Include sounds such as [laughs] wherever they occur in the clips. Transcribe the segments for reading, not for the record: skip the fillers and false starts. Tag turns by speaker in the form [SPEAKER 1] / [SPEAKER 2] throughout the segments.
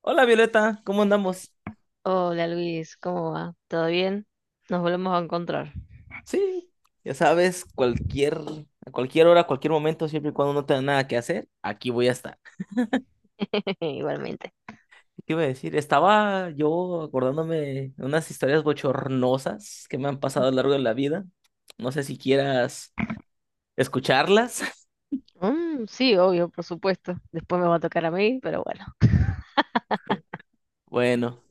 [SPEAKER 1] Hola Violeta, ¿cómo andamos?
[SPEAKER 2] Hola Luis, ¿cómo va? ¿Todo bien? Nos volvemos a encontrar,
[SPEAKER 1] Sí, ya sabes, a cualquier hora, a cualquier momento, siempre y cuando no tenga nada que hacer, aquí voy a estar.
[SPEAKER 2] [laughs] igualmente.
[SPEAKER 1] ¿Qué iba a decir? Estaba yo acordándome de unas historias bochornosas que me han pasado a lo largo de la vida. No sé si quieras escucharlas. [laughs]
[SPEAKER 2] Mm, sí, obvio, por supuesto. Después me va a tocar a mí, pero bueno. [laughs]
[SPEAKER 1] Bueno,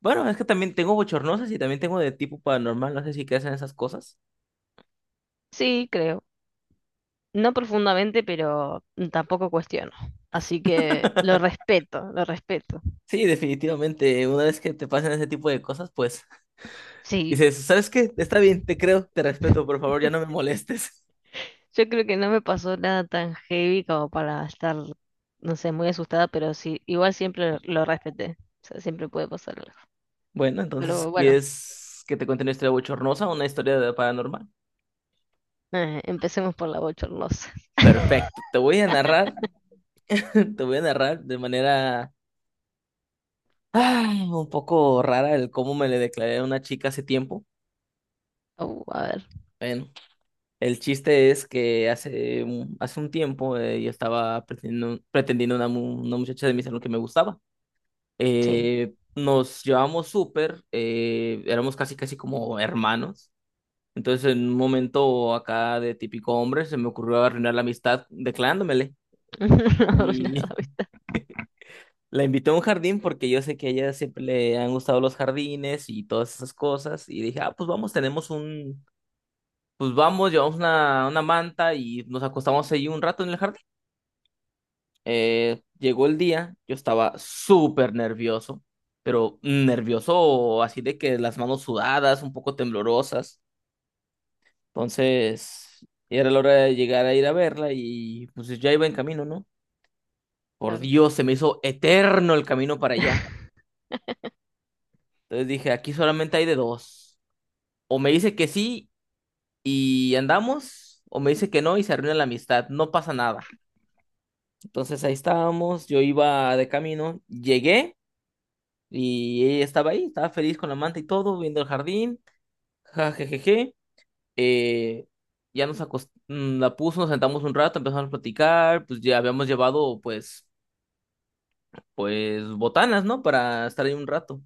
[SPEAKER 1] bueno, es que también tengo bochornosas y también tengo de tipo paranormal, no sé si crees en esas cosas.
[SPEAKER 2] Sí, creo. No profundamente, pero tampoco cuestiono. Así que lo respeto, lo respeto.
[SPEAKER 1] Sí, definitivamente, una vez que te pasan ese tipo de cosas, pues
[SPEAKER 2] Sí.
[SPEAKER 1] dices, ¿sabes qué? Está bien, te creo, te respeto, por favor, ya no me
[SPEAKER 2] [laughs]
[SPEAKER 1] molestes.
[SPEAKER 2] Yo creo que no me pasó nada tan heavy como para estar, no sé, muy asustada, pero sí, igual siempre lo respeté. O sea, siempre puede pasar algo.
[SPEAKER 1] Bueno, entonces,
[SPEAKER 2] Pero bueno,
[SPEAKER 1] ¿quieres que te cuente una historia bochornosa o una historia de paranormal?
[SPEAKER 2] empecemos por la bochornosa.
[SPEAKER 1] Perfecto, te voy a narrar, [laughs] te voy a narrar de manera un poco rara el cómo me le declaré a una chica hace tiempo.
[SPEAKER 2] A ver,
[SPEAKER 1] Bueno, el chiste es que hace un tiempo yo estaba pretendiendo una muchacha de mi salón que me gustaba.
[SPEAKER 2] sí.
[SPEAKER 1] Nos llevamos súper, éramos casi casi como hermanos. Entonces, en un momento acá de típico hombre, se me ocurrió arruinar la amistad declarándomele.
[SPEAKER 2] [laughs] Arruinar
[SPEAKER 1] Y
[SPEAKER 2] la vista,
[SPEAKER 1] [laughs] la invité a un jardín porque yo sé que a ella siempre le han gustado los jardines y todas esas cosas. Y dije, ah, pues pues vamos, llevamos una manta y nos acostamos ahí un rato en el jardín. Llegó el día, yo estaba súper nervioso, pero nervioso así de que las manos sudadas, un poco temblorosas. Entonces, era la hora de llegar a ir a verla y pues ya iba en camino, ¿no? Por
[SPEAKER 2] claro.
[SPEAKER 1] Dios, se me hizo eterno el camino para allá.
[SPEAKER 2] [laughs]
[SPEAKER 1] Entonces dije, aquí solamente hay de dos. O me dice que sí y andamos, o me dice que no y se arruina la amistad, no pasa nada. Entonces ahí estábamos, yo iba de camino, llegué y ella estaba ahí, estaba feliz con la manta y todo, viendo el jardín, jajajaja. Eh, ya nos acostamos, la puso, nos sentamos un rato, empezamos a platicar, pues ya habíamos llevado pues botanas, ¿no? Para estar ahí un rato.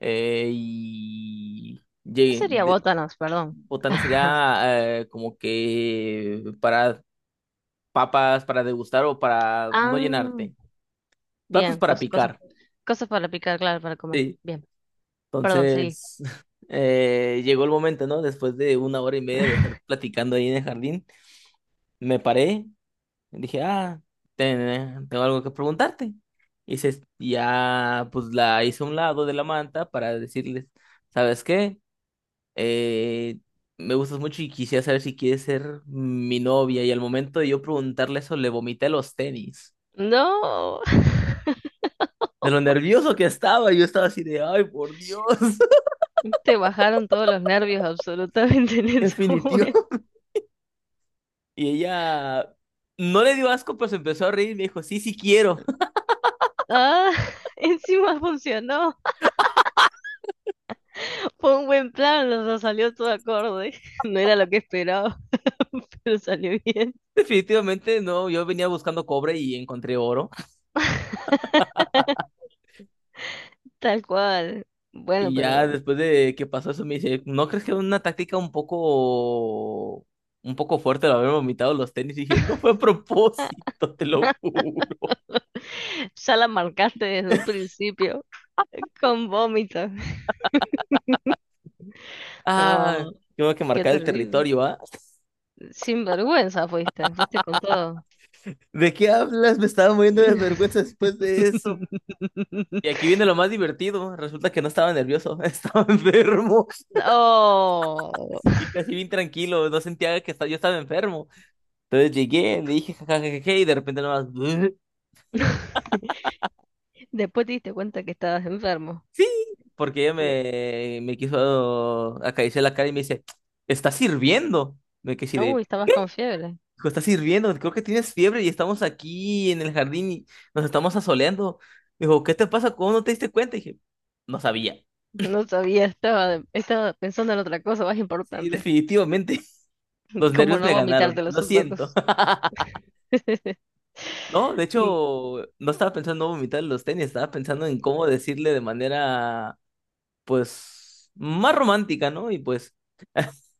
[SPEAKER 1] Eh, y
[SPEAKER 2] ¿Qué
[SPEAKER 1] llegué-
[SPEAKER 2] sería
[SPEAKER 1] de-
[SPEAKER 2] botanas? Perdón. [laughs]
[SPEAKER 1] botanas
[SPEAKER 2] Ajá.
[SPEAKER 1] sería como que para papas, para degustar o para no
[SPEAKER 2] Ah,
[SPEAKER 1] llenarte. Platos
[SPEAKER 2] bien,
[SPEAKER 1] para
[SPEAKER 2] cosas,
[SPEAKER 1] picar.
[SPEAKER 2] cosas para picar, claro, para comer.
[SPEAKER 1] Sí.
[SPEAKER 2] Bien, perdón, seguí.
[SPEAKER 1] Entonces, [laughs] llegó el momento, ¿no? Después de 1 hora y media de estar
[SPEAKER 2] [laughs]
[SPEAKER 1] platicando ahí en el jardín, me paré, dije, ah, tengo algo que preguntarte. Pues la hice a un lado de la manta para decirles, ¿sabes qué? eh, me gustas mucho y quisiera saber si quieres ser mi novia. Y al momento de yo preguntarle eso, le vomité los tenis.
[SPEAKER 2] No, [laughs]
[SPEAKER 1] De lo nervioso que estaba, yo estaba así de, ay, por Dios, [laughs]
[SPEAKER 2] te bajaron todos los nervios absolutamente en ese momento.
[SPEAKER 1] definitivo. Y ella no le dio asco, pero se empezó a reír y me dijo, sí, sí quiero. [laughs]
[SPEAKER 2] Ah, [laughs] encima funcionó. Fue un buen plan, o sea, salió todo acorde. [laughs] No era lo que esperaba, [laughs] pero salió bien.
[SPEAKER 1] Definitivamente no, yo venía buscando cobre y encontré oro.
[SPEAKER 2] [laughs] Tal cual. Bueno,
[SPEAKER 1] Y ya
[SPEAKER 2] pero
[SPEAKER 1] después de que pasó eso, me dice, ¿no crees que era una táctica un poco fuerte el haber vomitado los tenis? Y dije, no fue a propósito, te lo juro.
[SPEAKER 2] ya la marcaste desde un principio con vómito.
[SPEAKER 1] Ah,
[SPEAKER 2] No,
[SPEAKER 1] tengo que
[SPEAKER 2] qué
[SPEAKER 1] marcar el
[SPEAKER 2] terrible.
[SPEAKER 1] territorio, ¿ah?
[SPEAKER 2] Sin vergüenza fuiste, fuiste con todo.
[SPEAKER 1] ¿De qué hablas? Me estaba muriendo de vergüenza después de eso.
[SPEAKER 2] [laughs]
[SPEAKER 1] Y aquí viene lo más divertido. Resulta que no estaba nervioso, [laughs] estaba enfermo
[SPEAKER 2] No.
[SPEAKER 1] y casi bien tranquilo. No sentía que yo estaba enfermo. Entonces llegué, le dije jajajaja y de repente nomás, "Bleh".
[SPEAKER 2] Después te diste cuenta que estabas enfermo.
[SPEAKER 1] Sí, porque me quiso acariciar la cara y me dice, ¿estás sirviendo? Me quedé así de,
[SPEAKER 2] Uy, estabas con fiebre.
[SPEAKER 1] Hijo, estás sirviendo, creo que tienes fiebre y estamos aquí en el jardín y nos estamos asoleando. Dijo, ¿qué te pasa? ¿Cómo no te diste cuenta? Dije, no sabía.
[SPEAKER 2] No sabía, estaba pensando en otra cosa más
[SPEAKER 1] Sí,
[SPEAKER 2] importante,
[SPEAKER 1] definitivamente. [laughs] Los
[SPEAKER 2] [laughs] como
[SPEAKER 1] nervios
[SPEAKER 2] no
[SPEAKER 1] me
[SPEAKER 2] vomitarte
[SPEAKER 1] ganaron.
[SPEAKER 2] los
[SPEAKER 1] Lo siento.
[SPEAKER 2] zapatos.
[SPEAKER 1] [laughs]
[SPEAKER 2] [laughs]
[SPEAKER 1] No, de hecho, no estaba pensando en vomitar los tenis, estaba pensando en cómo decirle de manera, pues, más romántica, ¿no? Y pues, [laughs]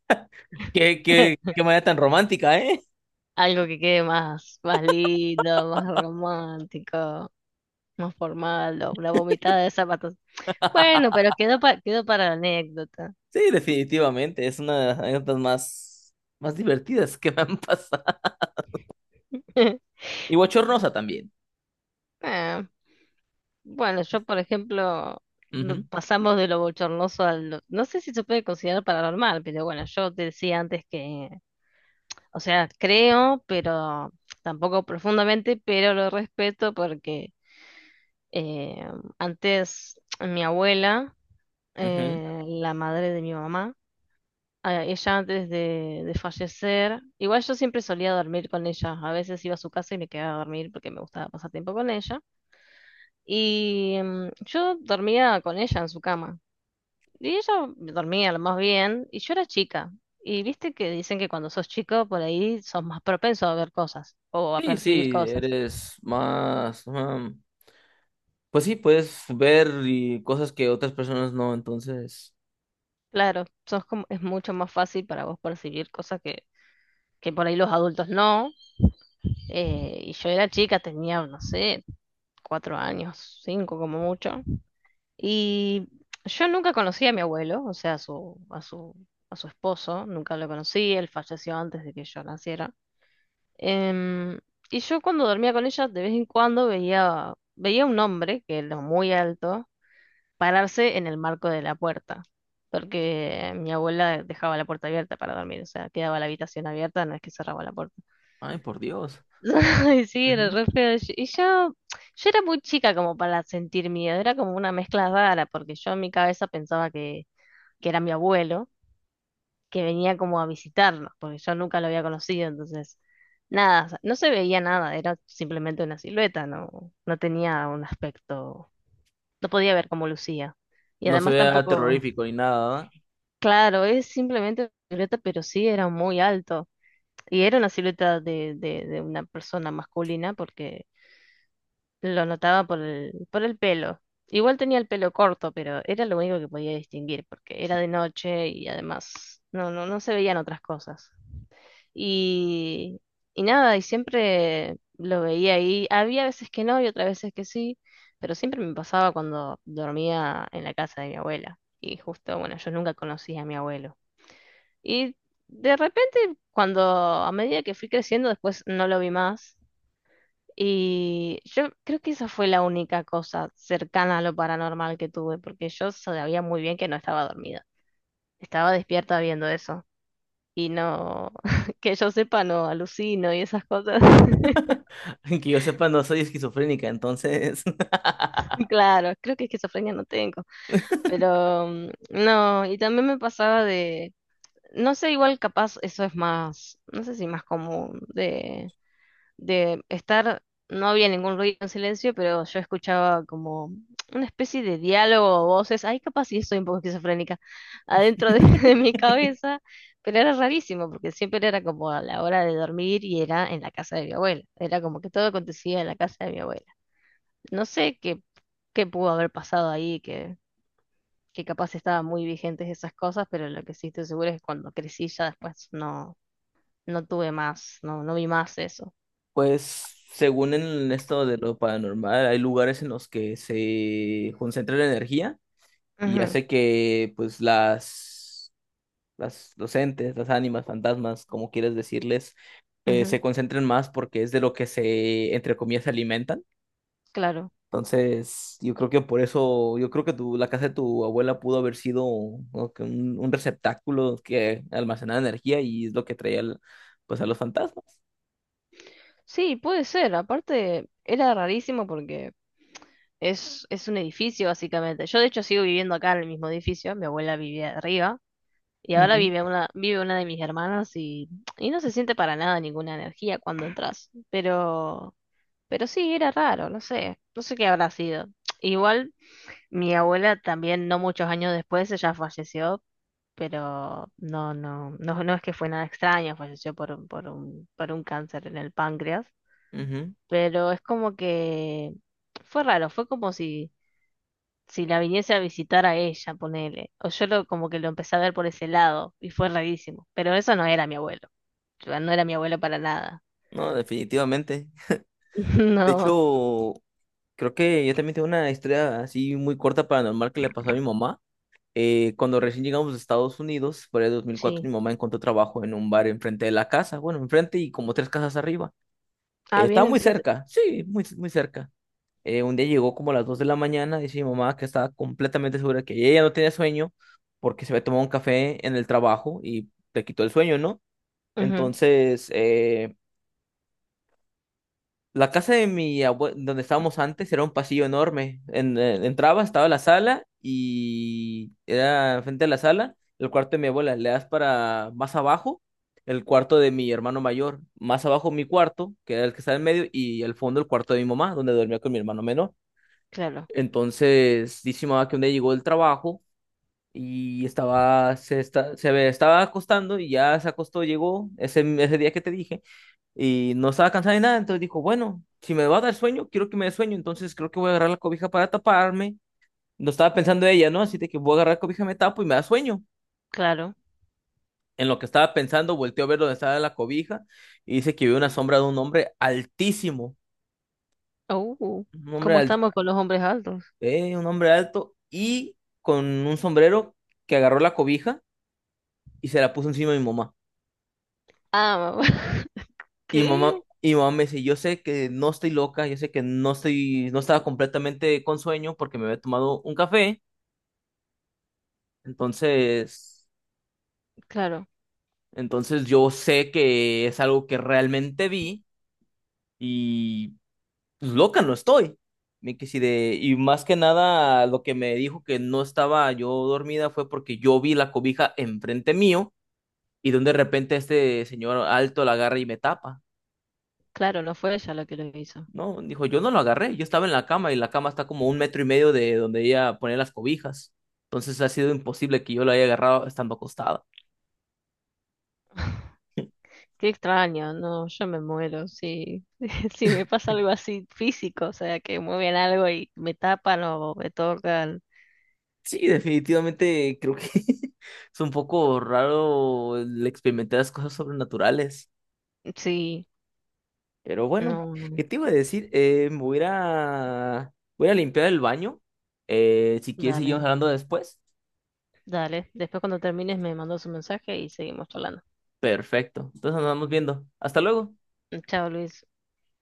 [SPEAKER 1] qué manera tan romántica, ¿eh?
[SPEAKER 2] Algo que quede más, más lindo, más romántico, más formal, o la vomitada de zapatos. Bueno, pero
[SPEAKER 1] [laughs]
[SPEAKER 2] quedó para la anécdota.
[SPEAKER 1] Sí, definitivamente. Es una de las anécdotas más divertidas que me han [laughs] pasado.
[SPEAKER 2] [laughs]
[SPEAKER 1] Y bochornosa también.
[SPEAKER 2] Ah, bueno, yo, por ejemplo,
[SPEAKER 1] Ujú,
[SPEAKER 2] pasamos de lo bochornoso al... No sé si se puede considerar paranormal, pero bueno, yo te decía antes que, o sea, creo, pero tampoco profundamente, pero lo respeto porque eh, antes mi abuela,
[SPEAKER 1] ujú.
[SPEAKER 2] la madre de mi mamá, a ella antes de fallecer. Igual yo siempre solía dormir con ella. A veces iba a su casa y me quedaba a dormir porque me gustaba pasar tiempo con ella. Y mm, yo dormía con ella en su cama. Y ella dormía lo más bien. Y yo era chica. Y viste que dicen que cuando sos chico, por ahí sos más propenso a ver cosas o a
[SPEAKER 1] Sí,
[SPEAKER 2] percibir
[SPEAKER 1] sí,
[SPEAKER 2] cosas.
[SPEAKER 1] eres más... ah, pues sí, puedes ver y cosas que otras personas no, entonces...
[SPEAKER 2] Claro, sos como, es mucho más fácil para vos percibir cosas que por ahí los adultos no. Y yo era chica, tenía, no sé, cuatro años, cinco como mucho. Y yo nunca conocí a mi abuelo, o sea, a su esposo, nunca lo conocí, él falleció antes de que yo naciera. Em, y yo cuando dormía con ella, de vez en cuando veía un hombre, que era muy alto, pararse en el marco de la puerta, porque mi abuela dejaba la puerta abierta para dormir, o sea, quedaba la habitación abierta, no es que cerraba la puerta.
[SPEAKER 1] Ay, por Dios.
[SPEAKER 2] [laughs] Ay, sí, era
[SPEAKER 1] Ujú.
[SPEAKER 2] re feo. Y yo, yo era muy chica como para sentir miedo, era como una mezcla rara, porque yo en mi cabeza pensaba que era mi abuelo, que venía como a visitarnos, porque yo nunca lo había conocido, entonces nada, o sea, no se veía nada, era simplemente una silueta, no, no tenía un aspecto, no podía ver cómo lucía. Y
[SPEAKER 1] No se
[SPEAKER 2] además
[SPEAKER 1] vea
[SPEAKER 2] tampoco,
[SPEAKER 1] terrorífico ni nada, ¿verdad?
[SPEAKER 2] claro, es simplemente una silueta, pero sí era muy alto. Y era una silueta de una persona masculina porque lo notaba por el pelo. Igual tenía el pelo corto, pero era lo único que podía distinguir porque era de noche y además no, no, no se veían otras cosas. Y, y nada, y siempre lo veía ahí. Había veces que no y otras veces que sí, pero siempre me pasaba cuando dormía en la casa de mi abuela. Y justo, bueno, yo nunca conocí a mi abuelo. Y de repente, cuando a medida que fui creciendo, después no lo vi más. Y yo creo que esa fue la única cosa cercana a lo paranormal que tuve, porque yo sabía muy bien que no estaba dormida. Estaba despierta viendo eso y no, [laughs] que yo sepa, no alucino y esas cosas. [laughs]
[SPEAKER 1] [laughs] Que yo sepa, no soy esquizofrénica, entonces...
[SPEAKER 2] Claro, creo que esquizofrenia no tengo, pero mm, no, y también me pasaba de, no sé, igual capaz eso es más, no sé si más común, de estar, no había ningún ruido en silencio, pero yo escuchaba como una especie de diálogo o voces, ay, capaz sí estoy un poco esquizofrénica, adentro de, [laughs] de
[SPEAKER 1] [laughs]
[SPEAKER 2] mi cabeza, pero era rarísimo, porque siempre era como a la hora de dormir y era en la casa de mi abuela, era como que todo acontecía en la casa de mi abuela. No sé qué, qué pudo haber pasado ahí, que capaz estaban muy vigentes esas cosas, pero lo que sí estoy segura es que cuando crecí ya después no, no tuve más, no, no vi más eso.
[SPEAKER 1] Pues según en esto de lo paranormal, hay lugares en los que se concentra la energía y
[SPEAKER 2] Ujú,
[SPEAKER 1] hace que pues los entes, las ánimas, fantasmas, como quieras decirles,
[SPEAKER 2] ujú,
[SPEAKER 1] se concentren más porque es de lo que se, entre comillas, se alimentan.
[SPEAKER 2] claro.
[SPEAKER 1] Entonces, yo creo que por eso, yo creo que la casa de tu abuela pudo haber sido ¿no? que un receptáculo que almacenaba energía y es lo que pues a los fantasmas.
[SPEAKER 2] Sí, puede ser. Aparte, era rarísimo porque es un edificio, básicamente. Yo, de hecho, sigo viviendo acá en el mismo edificio. Mi abuela vivía arriba. Y ahora
[SPEAKER 1] Ujú,
[SPEAKER 2] vive una de mis hermanas y no se siente para nada ninguna energía cuando entras. Pero sí, era raro, no sé. No sé qué habrá sido. Igual, mi abuela también, no muchos años después, ella falleció. Pero no, no, no, no es que fue nada extraño, falleció por un cáncer en el páncreas.
[SPEAKER 1] ujú.
[SPEAKER 2] Pero es como que fue raro, fue como si, si la viniese a visitar a ella, ponele. O yo lo, como que lo empecé a ver por ese lado y fue rarísimo. Pero eso no era mi abuelo. Yo- No era mi abuelo para nada.
[SPEAKER 1] No, definitivamente.
[SPEAKER 2] [laughs]
[SPEAKER 1] De
[SPEAKER 2] No,
[SPEAKER 1] hecho, creo que yo también tengo una historia así muy corta paranormal que le pasó a mi mamá. Cuando recién llegamos a Estados Unidos, por ahí de 2004, mi
[SPEAKER 2] sí.
[SPEAKER 1] mamá encontró trabajo en un bar enfrente de la casa, bueno, enfrente y como tres casas arriba.
[SPEAKER 2] Ah,
[SPEAKER 1] Estaba
[SPEAKER 2] bien
[SPEAKER 1] muy
[SPEAKER 2] enfrente.
[SPEAKER 1] cerca, sí, muy, muy cerca. Un día llegó como a las 2 de la mañana, dice mi mamá que estaba completamente segura que ella no tenía sueño porque se había tomado un café en el trabajo y te quitó el sueño, ¿no?
[SPEAKER 2] Ujú,
[SPEAKER 1] Entonces, eh, la casa de mi abuelo, donde estábamos antes, era un pasillo enorme. Entraba, estaba la sala y era frente a la sala, el cuarto de mi abuela. Le das para más abajo, el cuarto de mi hermano mayor. Más abajo mi cuarto, que era el que está en medio, y al fondo el cuarto de mi mamá, donde dormía con mi hermano menor.
[SPEAKER 2] claro,
[SPEAKER 1] Entonces, dice mi mamá que un día llegó del trabajo y estaba, se, esta- se ve- estaba acostando y ya se acostó, llegó ese día que te dije y no estaba cansada ni nada, entonces dijo, bueno, si me va a dar sueño, quiero que me dé sueño, entonces creo que voy a agarrar la cobija para taparme. No estaba pensando ella, ¿no? Así de que voy a agarrar la cobija, me tapo y me da sueño.
[SPEAKER 2] claro.
[SPEAKER 1] En lo que estaba pensando, volteó a ver dónde estaba la cobija y dice que vio una sombra de un hombre altísimo,
[SPEAKER 2] Uh,
[SPEAKER 1] un hombre,
[SPEAKER 2] ¿Cómo
[SPEAKER 1] al-
[SPEAKER 2] estamos con los hombres altos?
[SPEAKER 1] un hombre alto y con un sombrero que agarró la cobija y se la puso encima de mi mamá.
[SPEAKER 2] Ah, [laughs]
[SPEAKER 1] Y mamá,
[SPEAKER 2] ¿qué?
[SPEAKER 1] y mamá me dice, yo sé que no estoy loca, yo sé que no estaba completamente con sueño porque me había tomado un café, Entonces,
[SPEAKER 2] Claro,
[SPEAKER 1] entonces yo sé que es algo que realmente vi y pues, loca no estoy. Me quedé así de, y más que nada lo que me dijo que no estaba yo dormida fue porque yo vi la cobija enfrente mío y donde de repente este señor alto la agarra y me tapa.
[SPEAKER 2] claro, no fue ella la que lo hizo.
[SPEAKER 1] No, dijo, yo no lo agarré, yo estaba en la cama y la cama está como 1 metro y medio de donde ella pone las cobijas. Entonces ha sido imposible que yo la haya agarrado estando acostada.
[SPEAKER 2] [laughs] Qué extraño, no, yo me muero si, [laughs] si me pasa algo así físico, o sea, que mueven algo y me tapan o me tocan.
[SPEAKER 1] Sí, definitivamente creo que [laughs] es un poco raro el experimentar las cosas sobrenaturales.
[SPEAKER 2] Sí,
[SPEAKER 1] Pero bueno,
[SPEAKER 2] no,
[SPEAKER 1] ¿qué
[SPEAKER 2] no,
[SPEAKER 1] te iba a decir? Me voy a, ir a- voy a limpiar el baño. Si quieres, seguimos
[SPEAKER 2] dale,
[SPEAKER 1] hablando después.
[SPEAKER 2] dale. Después cuando termines me mandas un mensaje y seguimos hablando.
[SPEAKER 1] Perfecto. Entonces nos vamos viendo. Hasta luego.
[SPEAKER 2] Chao, Luis.